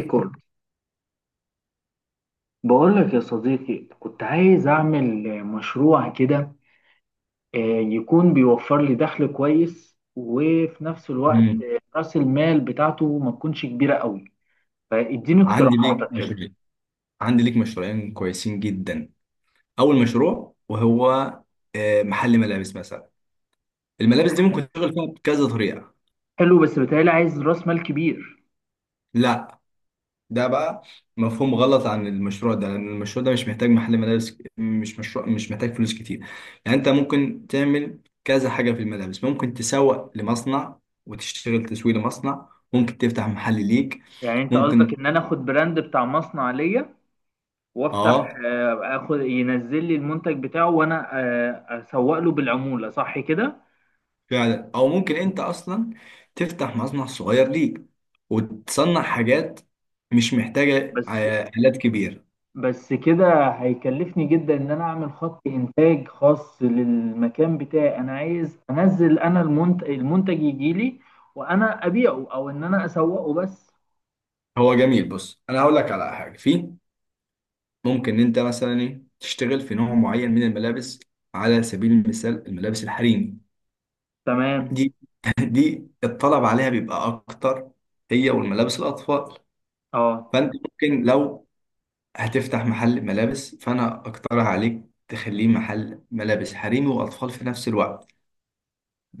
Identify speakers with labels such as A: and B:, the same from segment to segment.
A: ريكورد. بقول لك يا صديقي، كنت عايز أعمل مشروع كده. يكون بيوفر لي دخل كويس، وفي نفس الوقت
B: مم.
A: رأس المال بتاعته ما تكونش كبيرة قوي. فاديني
B: عندي ليك
A: اقتراحاتك كده.
B: مشروعين كويسين جدا. اول مشروع وهو محل ملابس مثلا. الملابس دي ممكن تشتغل فيها بكذا طريقه.
A: حلو، بس بتهيألي عايز رأس مال كبير.
B: لا، ده بقى مفهوم غلط عن المشروع ده لان المشروع ده مش محتاج محل ملابس، مش مشروع مش محتاج فلوس كتير. يعني انت ممكن تعمل كذا حاجه في الملابس، ممكن تسوق لمصنع وتشتغل تسويق لمصنع، ممكن تفتح محل ليك.
A: يعني أنت قصدك
B: ممكن.
A: إن أنا آخد براند بتاع مصنع ليا وأفتح،
B: اه
A: آخد ينزل لي المنتج بتاعه، وأنا أسوق له بالعمولة، صح كده؟
B: فعلا. او ممكن انت اصلا تفتح مصنع صغير ليك وتصنع حاجات مش محتاجه
A: بس
B: آلات كبيره.
A: بس كده هيكلفني جدا ان انا اعمل خط انتاج خاص للمكان بتاعي. انا عايز انزل المنتج يجي لي وانا ابيعه، او ان انا اسوقه بس.
B: هو جميل. بص، انا هقول لك على حاجه. في ممكن انت مثلا تشتغل في نوع معين من الملابس. على سبيل المثال الملابس الحريمي
A: تمام.
B: دي دي الطلب عليها بيبقى اكتر، هي والملابس الاطفال.
A: اه.
B: فانت ممكن لو هتفتح محل ملابس، فانا اقترح عليك تخليه محل ملابس حريمي واطفال في نفس الوقت.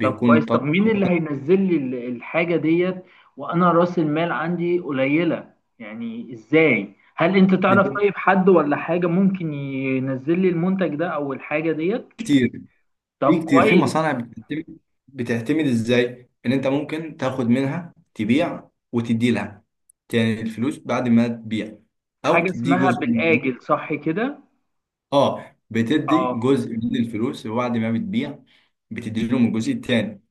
A: طب كويس، طب
B: الطلب
A: مين اللي هينزل لي الحاجة ديت وانا راس المال عندي قليلة؟ يعني ازاي؟ هل انت تعرف
B: بت-
A: طيب حد ولا حاجة ممكن ينزل لي المنتج ده او الحاجة ديت؟
B: كتير. في
A: طب
B: كتير في
A: كويس.
B: مصانع بتعتمد ازاي ان انت ممكن تاخد منها تبيع وتدي لها، يعني الفلوس بعد ما تبيع، او
A: حاجة
B: تدي
A: اسمها
B: جزء من الفلوس.
A: بالآجل، صح كده؟
B: اه، بتدي
A: اه،
B: جزء من الفلوس وبعد ما بتبيع بتدي لهم الجزء التاني.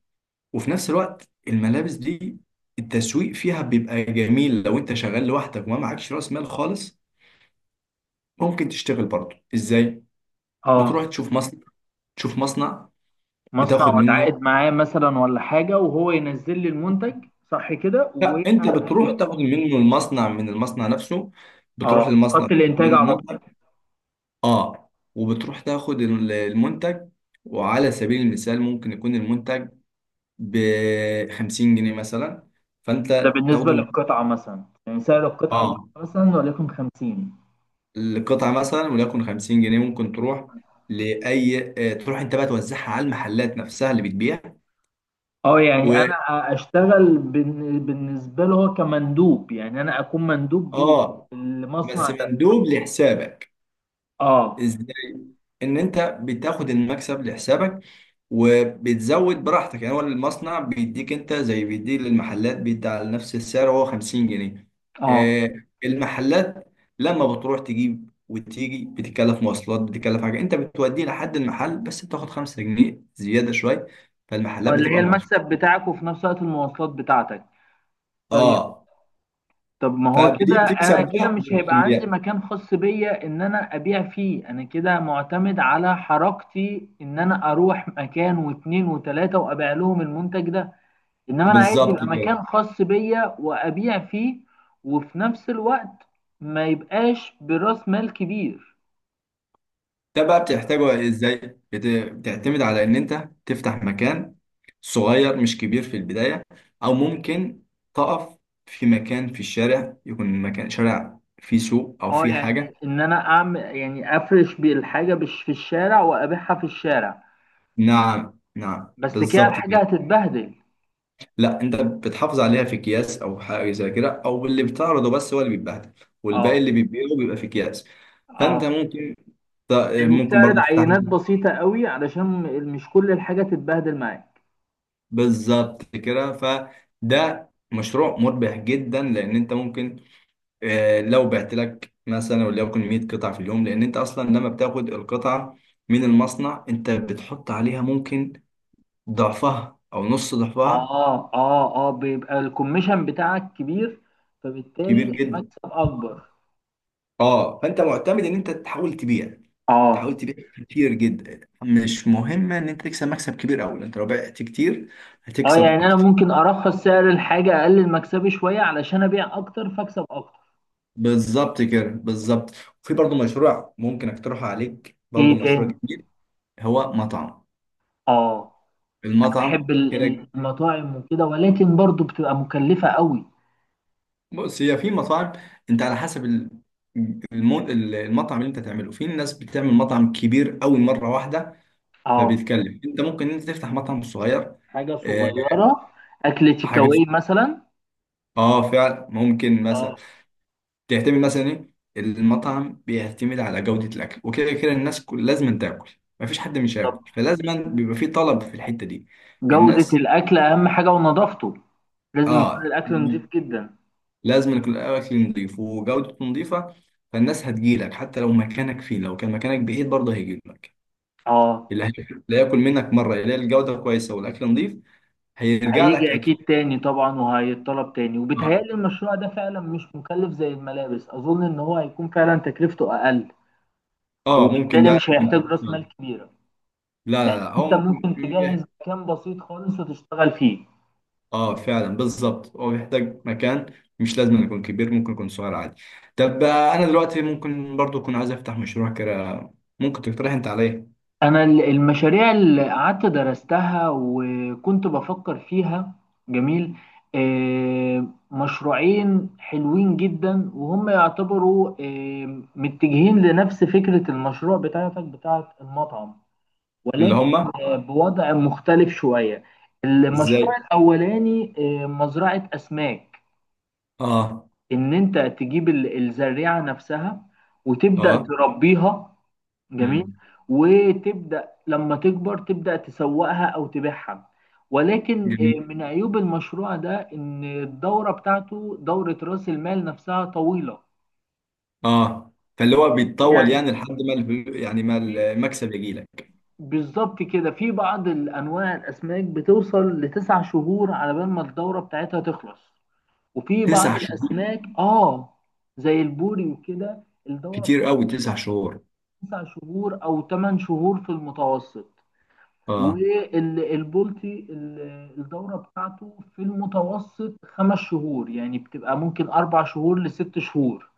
B: وفي نفس الوقت الملابس دي التسويق فيها بيبقى جميل. لو انت شغال لوحدك وما معكش راس مال خالص، ممكن تشتغل برضه ازاي؟
A: اه.
B: بتروح تشوف مصنع. تشوف مصنع
A: مصنع
B: بتاخد منه.
A: واتعاقد معاه مثلا ولا حاجه وهو ينزل لي المنتج، صح كده
B: لا، انت
A: وانا
B: بتروح
A: ابيعه.
B: تاخد منه المصنع، من المصنع نفسه. بتروح
A: اه،
B: للمصنع
A: خط
B: تاخد
A: الانتاج
B: منه
A: على
B: المنتج.
A: طول.
B: اه، وبتروح تاخد المنتج. وعلى سبيل المثال ممكن يكون المنتج ب 50 جنيه مثلا. فانت
A: ده بالنسبه
B: تاخده.
A: للقطعه مثلا، يعني سعر القطعه الواحده
B: اه،
A: مثلا وليكن 50.
B: القطعه مثلا وليكن 50 جنيه، ممكن تروح لاي تروح انت بقى توزعها على المحلات نفسها اللي بتبيع.
A: اه، يعني
B: و
A: انا اشتغل بالنسبه له هو كمندوب، يعني انا اكون مندوب
B: اه بس
A: المصنع ده.
B: مندوب لحسابك.
A: اه،
B: ازاي؟ ان انت بتاخد المكسب لحسابك وبتزود براحتك. يعني هو المصنع بيديك انت زي بيدي للمحلات، بيدي على نفس السعر هو 50 جنيه.
A: اه.
B: آه، المحلات لما بتروح تجيب وتيجي بتتكلف مواصلات، بتتكلف حاجه. انت بتوديه لحد المحل بس بتاخد 5 جنيه زياده شويه، فالمحلات
A: اللي هي
B: بتبقى
A: المكسب
B: مبسوطه.
A: بتاعك وفي نفس الوقت المواصلات بتاعتك. طيب،
B: اه،
A: طب ما هو كده
B: فبتيجي تكسب
A: انا كده
B: بقى
A: مش هيبقى عندي
B: بالكميات.
A: مكان خاص بيا ان انا ابيع فيه. انا كده معتمد على حركتي ان انا اروح مكان واتنين وتلاتة وابيع لهم المنتج ده. انما انا عايز
B: بالظبط
A: يبقى
B: كده.
A: مكان خاص بيا وابيع فيه، وفي نفس الوقت ما يبقاش براس مال كبير.
B: ده بقى بتحتاجه ازاي؟ بت- بتعتمد على ان انت تفتح مكان صغير مش كبير في البداية. او ممكن تقف في مكان في الشارع، يكون مكان شارع فيه سوق او
A: اه،
B: فيه
A: يعني
B: حاجة.
A: ان انا اعمل، يعني افرش بالحاجة بش في الشارع وابيعها في الشارع.
B: نعم نعم
A: بس كده
B: بالظبط
A: الحاجة
B: كده.
A: هتتبهدل.
B: لا، انت بتحافظ عليها في اكياس او حاجة زي كده، او اللي بتعرضه بس هو اللي بيتبهدل، والباقي
A: اه،
B: اللي بيبيعه بيبقى في اكياس. فانت
A: اه،
B: ممكن ت-
A: يعني
B: ممكن
A: بتعرض
B: برضه تفتح.
A: عينات بسيطة قوي علشان مش كل الحاجة تتبهدل معاك.
B: بالظبط كده. فده مشروع مربح جدا لان انت ممكن لو بعت لك مثلا وليكن 100 قطعة في اليوم. لأن أنت أصلا لما بتاخد القطعة من المصنع، أنت بتحط عليها ممكن ضعفها أو نص ضعفها.
A: اه، اه، اه، بيبقى الكوميشن بتاعك كبير، فبالتالي
B: كبير جدا.
A: المكسب اكبر.
B: أه، فأنت معتمد إن أنت تحاول تبيع.
A: اه،
B: كتير جدا. مش مهم إن أنت تكسب مكسب كبير أوي، أنت لو بعت كتير
A: اه،
B: هتكسب
A: يعني انا
B: أكتر.
A: ممكن ارخص سعر الحاجة، اقلل مكسبي شوية علشان ابيع اكتر فاكسب اكتر.
B: بالظبط كده، بالظبط. في برضو مشروع ممكن أقترحه عليك، برضو
A: ايه
B: مشروع
A: تاني؟
B: جديد. هو مطعم.
A: اه، انا
B: المطعم
A: بحب
B: كده.
A: المطاعم وكده، ولكن برضو بتبقى مكلفة قوي.
B: بص، هي في مطاعم. انت على حسب المطعم اللي انت تعمله. في ناس بتعمل مطعم كبير قوي مره واحده،
A: اه،
B: فبيتكلم. انت ممكن انت تفتح مطعم صغير.
A: حاجة
B: آه،
A: صغيرة، اكل
B: حاجه س-
A: تيكاواي مثلا.
B: اه فعلا ممكن مثلا
A: اه،
B: تعتمد مثلا ايه. المطعم بيعتمد على جوده الاكل وكده. كده الناس لازم تاكل، مفيش حد مش
A: بالظبط.
B: هياكل، فلازم بيبقى في طلب في الحته دي.
A: جودة
B: الناس
A: الاكل اهم حاجة ونظافته. لازم يكون
B: اه،
A: الأكل نضيف جدا.
B: لازم يكون الاكل نظيف وجودته نظيفه. فالناس هتجيلك حتى لو مكانك فيه، لو كان مكانك بعيد برضه هيجيلك.
A: اه،
B: اللي هي- اللي هياكل منك مره يلاقي الجوده كويسه والاكل نظيف، هيرجع لك
A: هيجي أكيد
B: اكيد.
A: تاني طبعا وهيتطلب تاني.
B: اه
A: وبيتهيألي المشروع ده فعلا مش مكلف زي الملابس، أظن إن هو هيكون فعلا تكلفته أقل،
B: اه، ممكن
A: وبالتالي
B: ده
A: مش
B: يكون.
A: هيحتاج رأس مال
B: لا،
A: كبيرة.
B: لا، لا، هو
A: أنت
B: ممكن.
A: ممكن تجهز مكان بسيط خالص وتشتغل فيه.
B: اه فعلا، بالظبط. هو بيحتاج مكان مش لازم يكون كبير، ممكن يكون صغير عادي. طب انا دلوقتي ممكن برضه اكون عايز افتح مشروع كده، ممكن تقترح انت عليا.
A: انا المشاريع اللي قعدت درستها وكنت بفكر فيها. جميل. مشروعين حلوين جدا، وهم يعتبروا متجهين لنفس فكرة المشروع بتاعتك بتاعت المطعم،
B: اللي
A: ولكن
B: هم.
A: بوضع مختلف شوية.
B: ازاي.
A: المشروع الاولاني مزرعة اسماك.
B: اه.
A: ان انت تجيب الزريعة نفسها وتبدأ
B: اه.
A: تربيها. جميل.
B: امم
A: وتبدأ لما تكبر تبدأ تسوقها أو تبيعها، ولكن
B: جميل.
A: من عيوب المشروع ده إن الدورة بتاعته، دورة رأس المال نفسها، طويلة.
B: اه، فاللي هو بيتطول،
A: يعني
B: يعني لحد ما يعني ما
A: في،
B: المكسب يجي لك.
A: بالظبط كده، في بعض الأنواع الأسماك بتوصل لتسع شهور على بال ما الدورة بتاعتها تخلص، وفي بعض
B: 9 شهور؟
A: الأسماك آه زي البوري وكده الدورة بتاعتها
B: كتير قوي، 9 شهور.
A: تسع شهور أو ثمان شهور في المتوسط.
B: اه
A: والبولتي الدورة بتاعته في المتوسط خمس شهور، يعني بتبقى ممكن أربع شهور لست شهور،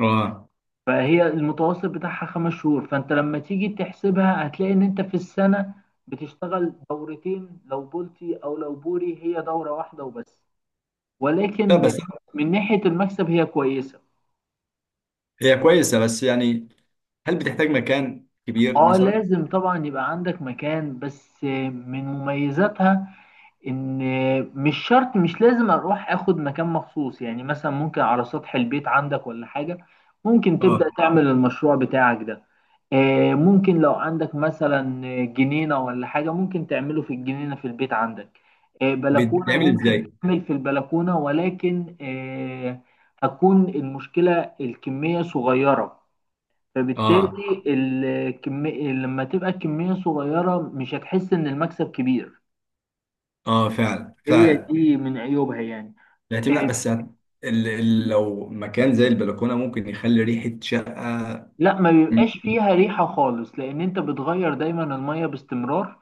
B: اه.
A: فهي المتوسط بتاعها خمس شهور. فأنت لما تيجي تحسبها هتلاقي إن أنت في السنة بتشتغل دورتين لو بولتي، أو لو بوري هي دورة واحدة وبس.
B: لا
A: ولكن
B: بس
A: من ناحية المكسب هي كويسة.
B: هي كويسه، بس يعني، هل بتحتاج مكان كبير
A: اه،
B: مثلا؟
A: لازم طبعا يبقى عندك مكان، بس من مميزاتها ان مش شرط، مش لازم اروح اخد مكان مخصوص. يعني مثلا ممكن على سطح البيت عندك ولا حاجة ممكن تبدأ
B: اه،
A: تعمل المشروع بتاعك ده. ممكن لو عندك مثلا جنينة ولا حاجة ممكن تعمله في الجنينة في البيت عندك. بلكونة،
B: بتتعمل
A: ممكن
B: ازاي؟
A: تعمل في البلكونة. ولكن هتكون المشكلة الكمية صغيرة،
B: اه
A: فبالتالي الكمية لما تبقى الكمية صغيرة مش هتحس إن المكسب كبير.
B: اه فعلا
A: هي
B: فعلا.
A: دي من عيوبها يعني.
B: يتم، لا
A: إيه،
B: بس هت- لو مكان زي البلكونه ممكن يخلي ريحه شقه.
A: لا، ما بيبقاش
B: مش-
A: فيها ريحة خالص، لأن أنت بتغير دايما المية باستمرار.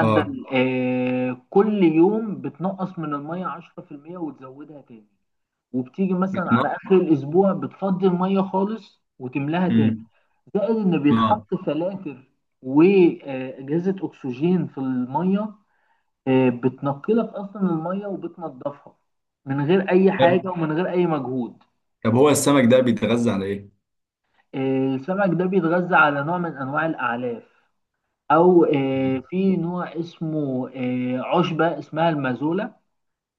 B: اه.
A: آه كل يوم بتنقص من المية 10% وتزودها تاني. وبتيجي مثلا على
B: بتنقط.
A: آخر الأسبوع بتفضي المية خالص وتملاها تاني.
B: مم.
A: زائد إن
B: اه.
A: بيتحط فلاتر وأجهزة أكسجين في المية. آه بتنقلك أصلا المية وبتنضفها من غير أي
B: طب
A: حاجة ومن غير أي مجهود.
B: هو السمك ده بيتغذى على ايه؟
A: السمك ده بيتغذى على نوع من أنواع الأعلاف، أو في نوع اسمه عشبة اسمها المازولا.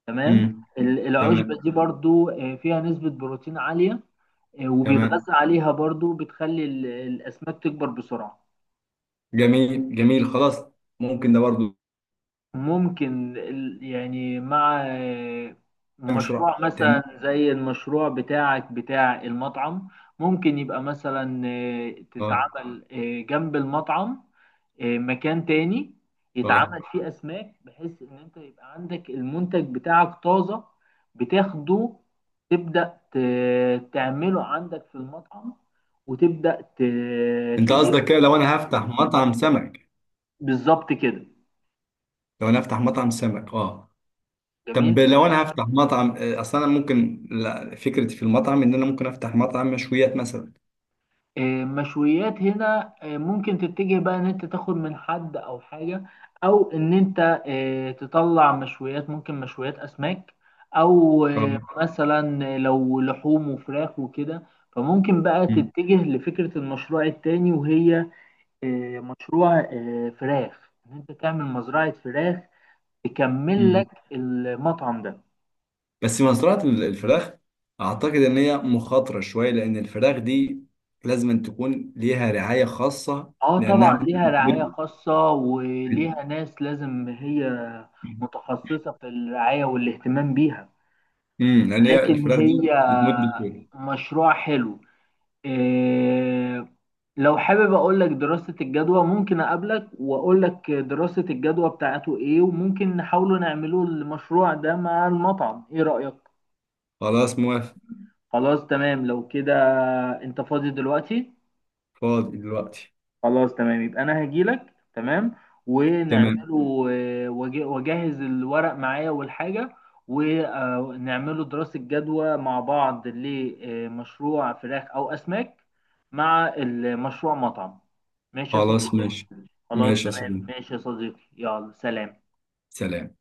A: تمام.
B: مم.
A: العشبة
B: تمام.
A: دي برضو فيها نسبة بروتين عالية. وبيتغذى
B: تمام.
A: عليها برضو، بتخلي الأسماك تكبر بسرعة.
B: جميل جميل. خلاص. ممكن ده برضو.
A: ممكن يعني مع
B: مشروع
A: مشروع مثلا
B: تاني.
A: زي المشروع بتاعك بتاع المطعم، ممكن يبقى مثلا
B: اه
A: تتعمل جنب المطعم مكان تاني يتعمل
B: اه.
A: فيه أسماك، بحيث إن أنت يبقى عندك المنتج بتاعك طازة، بتاخده تبدأ تعمله عندك في المطعم، وتبدأ
B: انت قصدك
A: تبيعه.
B: كده لو انا هفتح مطعم سمك؟
A: بالظبط كده.
B: لو انا هفتح مطعم سمك، اه.
A: جميل.
B: طب لو انا هفتح مطعم اصل انا ممكن لا، فكرتي في المطعم ان انا ممكن افتح مطعم مشويات مثلا.
A: مشويات هنا ممكن تتجه بقى ان انت تاخد من حد او حاجة، او ان انت تطلع مشويات، ممكن مشويات اسماك، او
B: اه.
A: مثلا لو لحوم وفراخ وكده. فممكن بقى
B: مم.
A: تتجه لفكرة المشروع التاني وهي مشروع فراخ. ان انت تعمل مزرعة فراخ تكمل
B: مم.
A: لك المطعم ده.
B: بس مزرعة الفراخ اعتقد ان هي مخاطرة شوية، لان الفراخ دي لازم أن تكون ليها رعاية خاصة
A: اه
B: لانها
A: طبعا، ليها رعاية خاصة
B: بت-
A: وليها ناس لازم هي متخصصة في الرعاية والاهتمام بيها.
B: مم، لان هي
A: لكن
B: الفراخ
A: هي
B: دي بتموت بسهولة.
A: مشروع حلو. إيه، لو حابب اقول لك دراسة الجدوى، ممكن اقابلك واقول لك دراسة الجدوى بتاعته ايه، وممكن نحاولوا نعملوا المشروع ده مع المطعم. ايه رأيك؟
B: خلاص موافق.
A: خلاص تمام لو كده. انت فاضي دلوقتي؟
B: فاضي دلوقتي.
A: خلاص تمام، يبقى انا هجيلك. تمام.
B: تمام
A: ونعمله واجهز الورق معايا والحاجة، ونعمله دراسة جدوى مع بعض لمشروع فراخ او اسماك مع المشروع مطعم. ماشي يا
B: خلاص
A: صديقي.
B: ماشي.
A: خلاص
B: ماشي يا
A: تمام،
B: صديقي.
A: ماشي يا صديقي، يلا سلام.
B: سلام.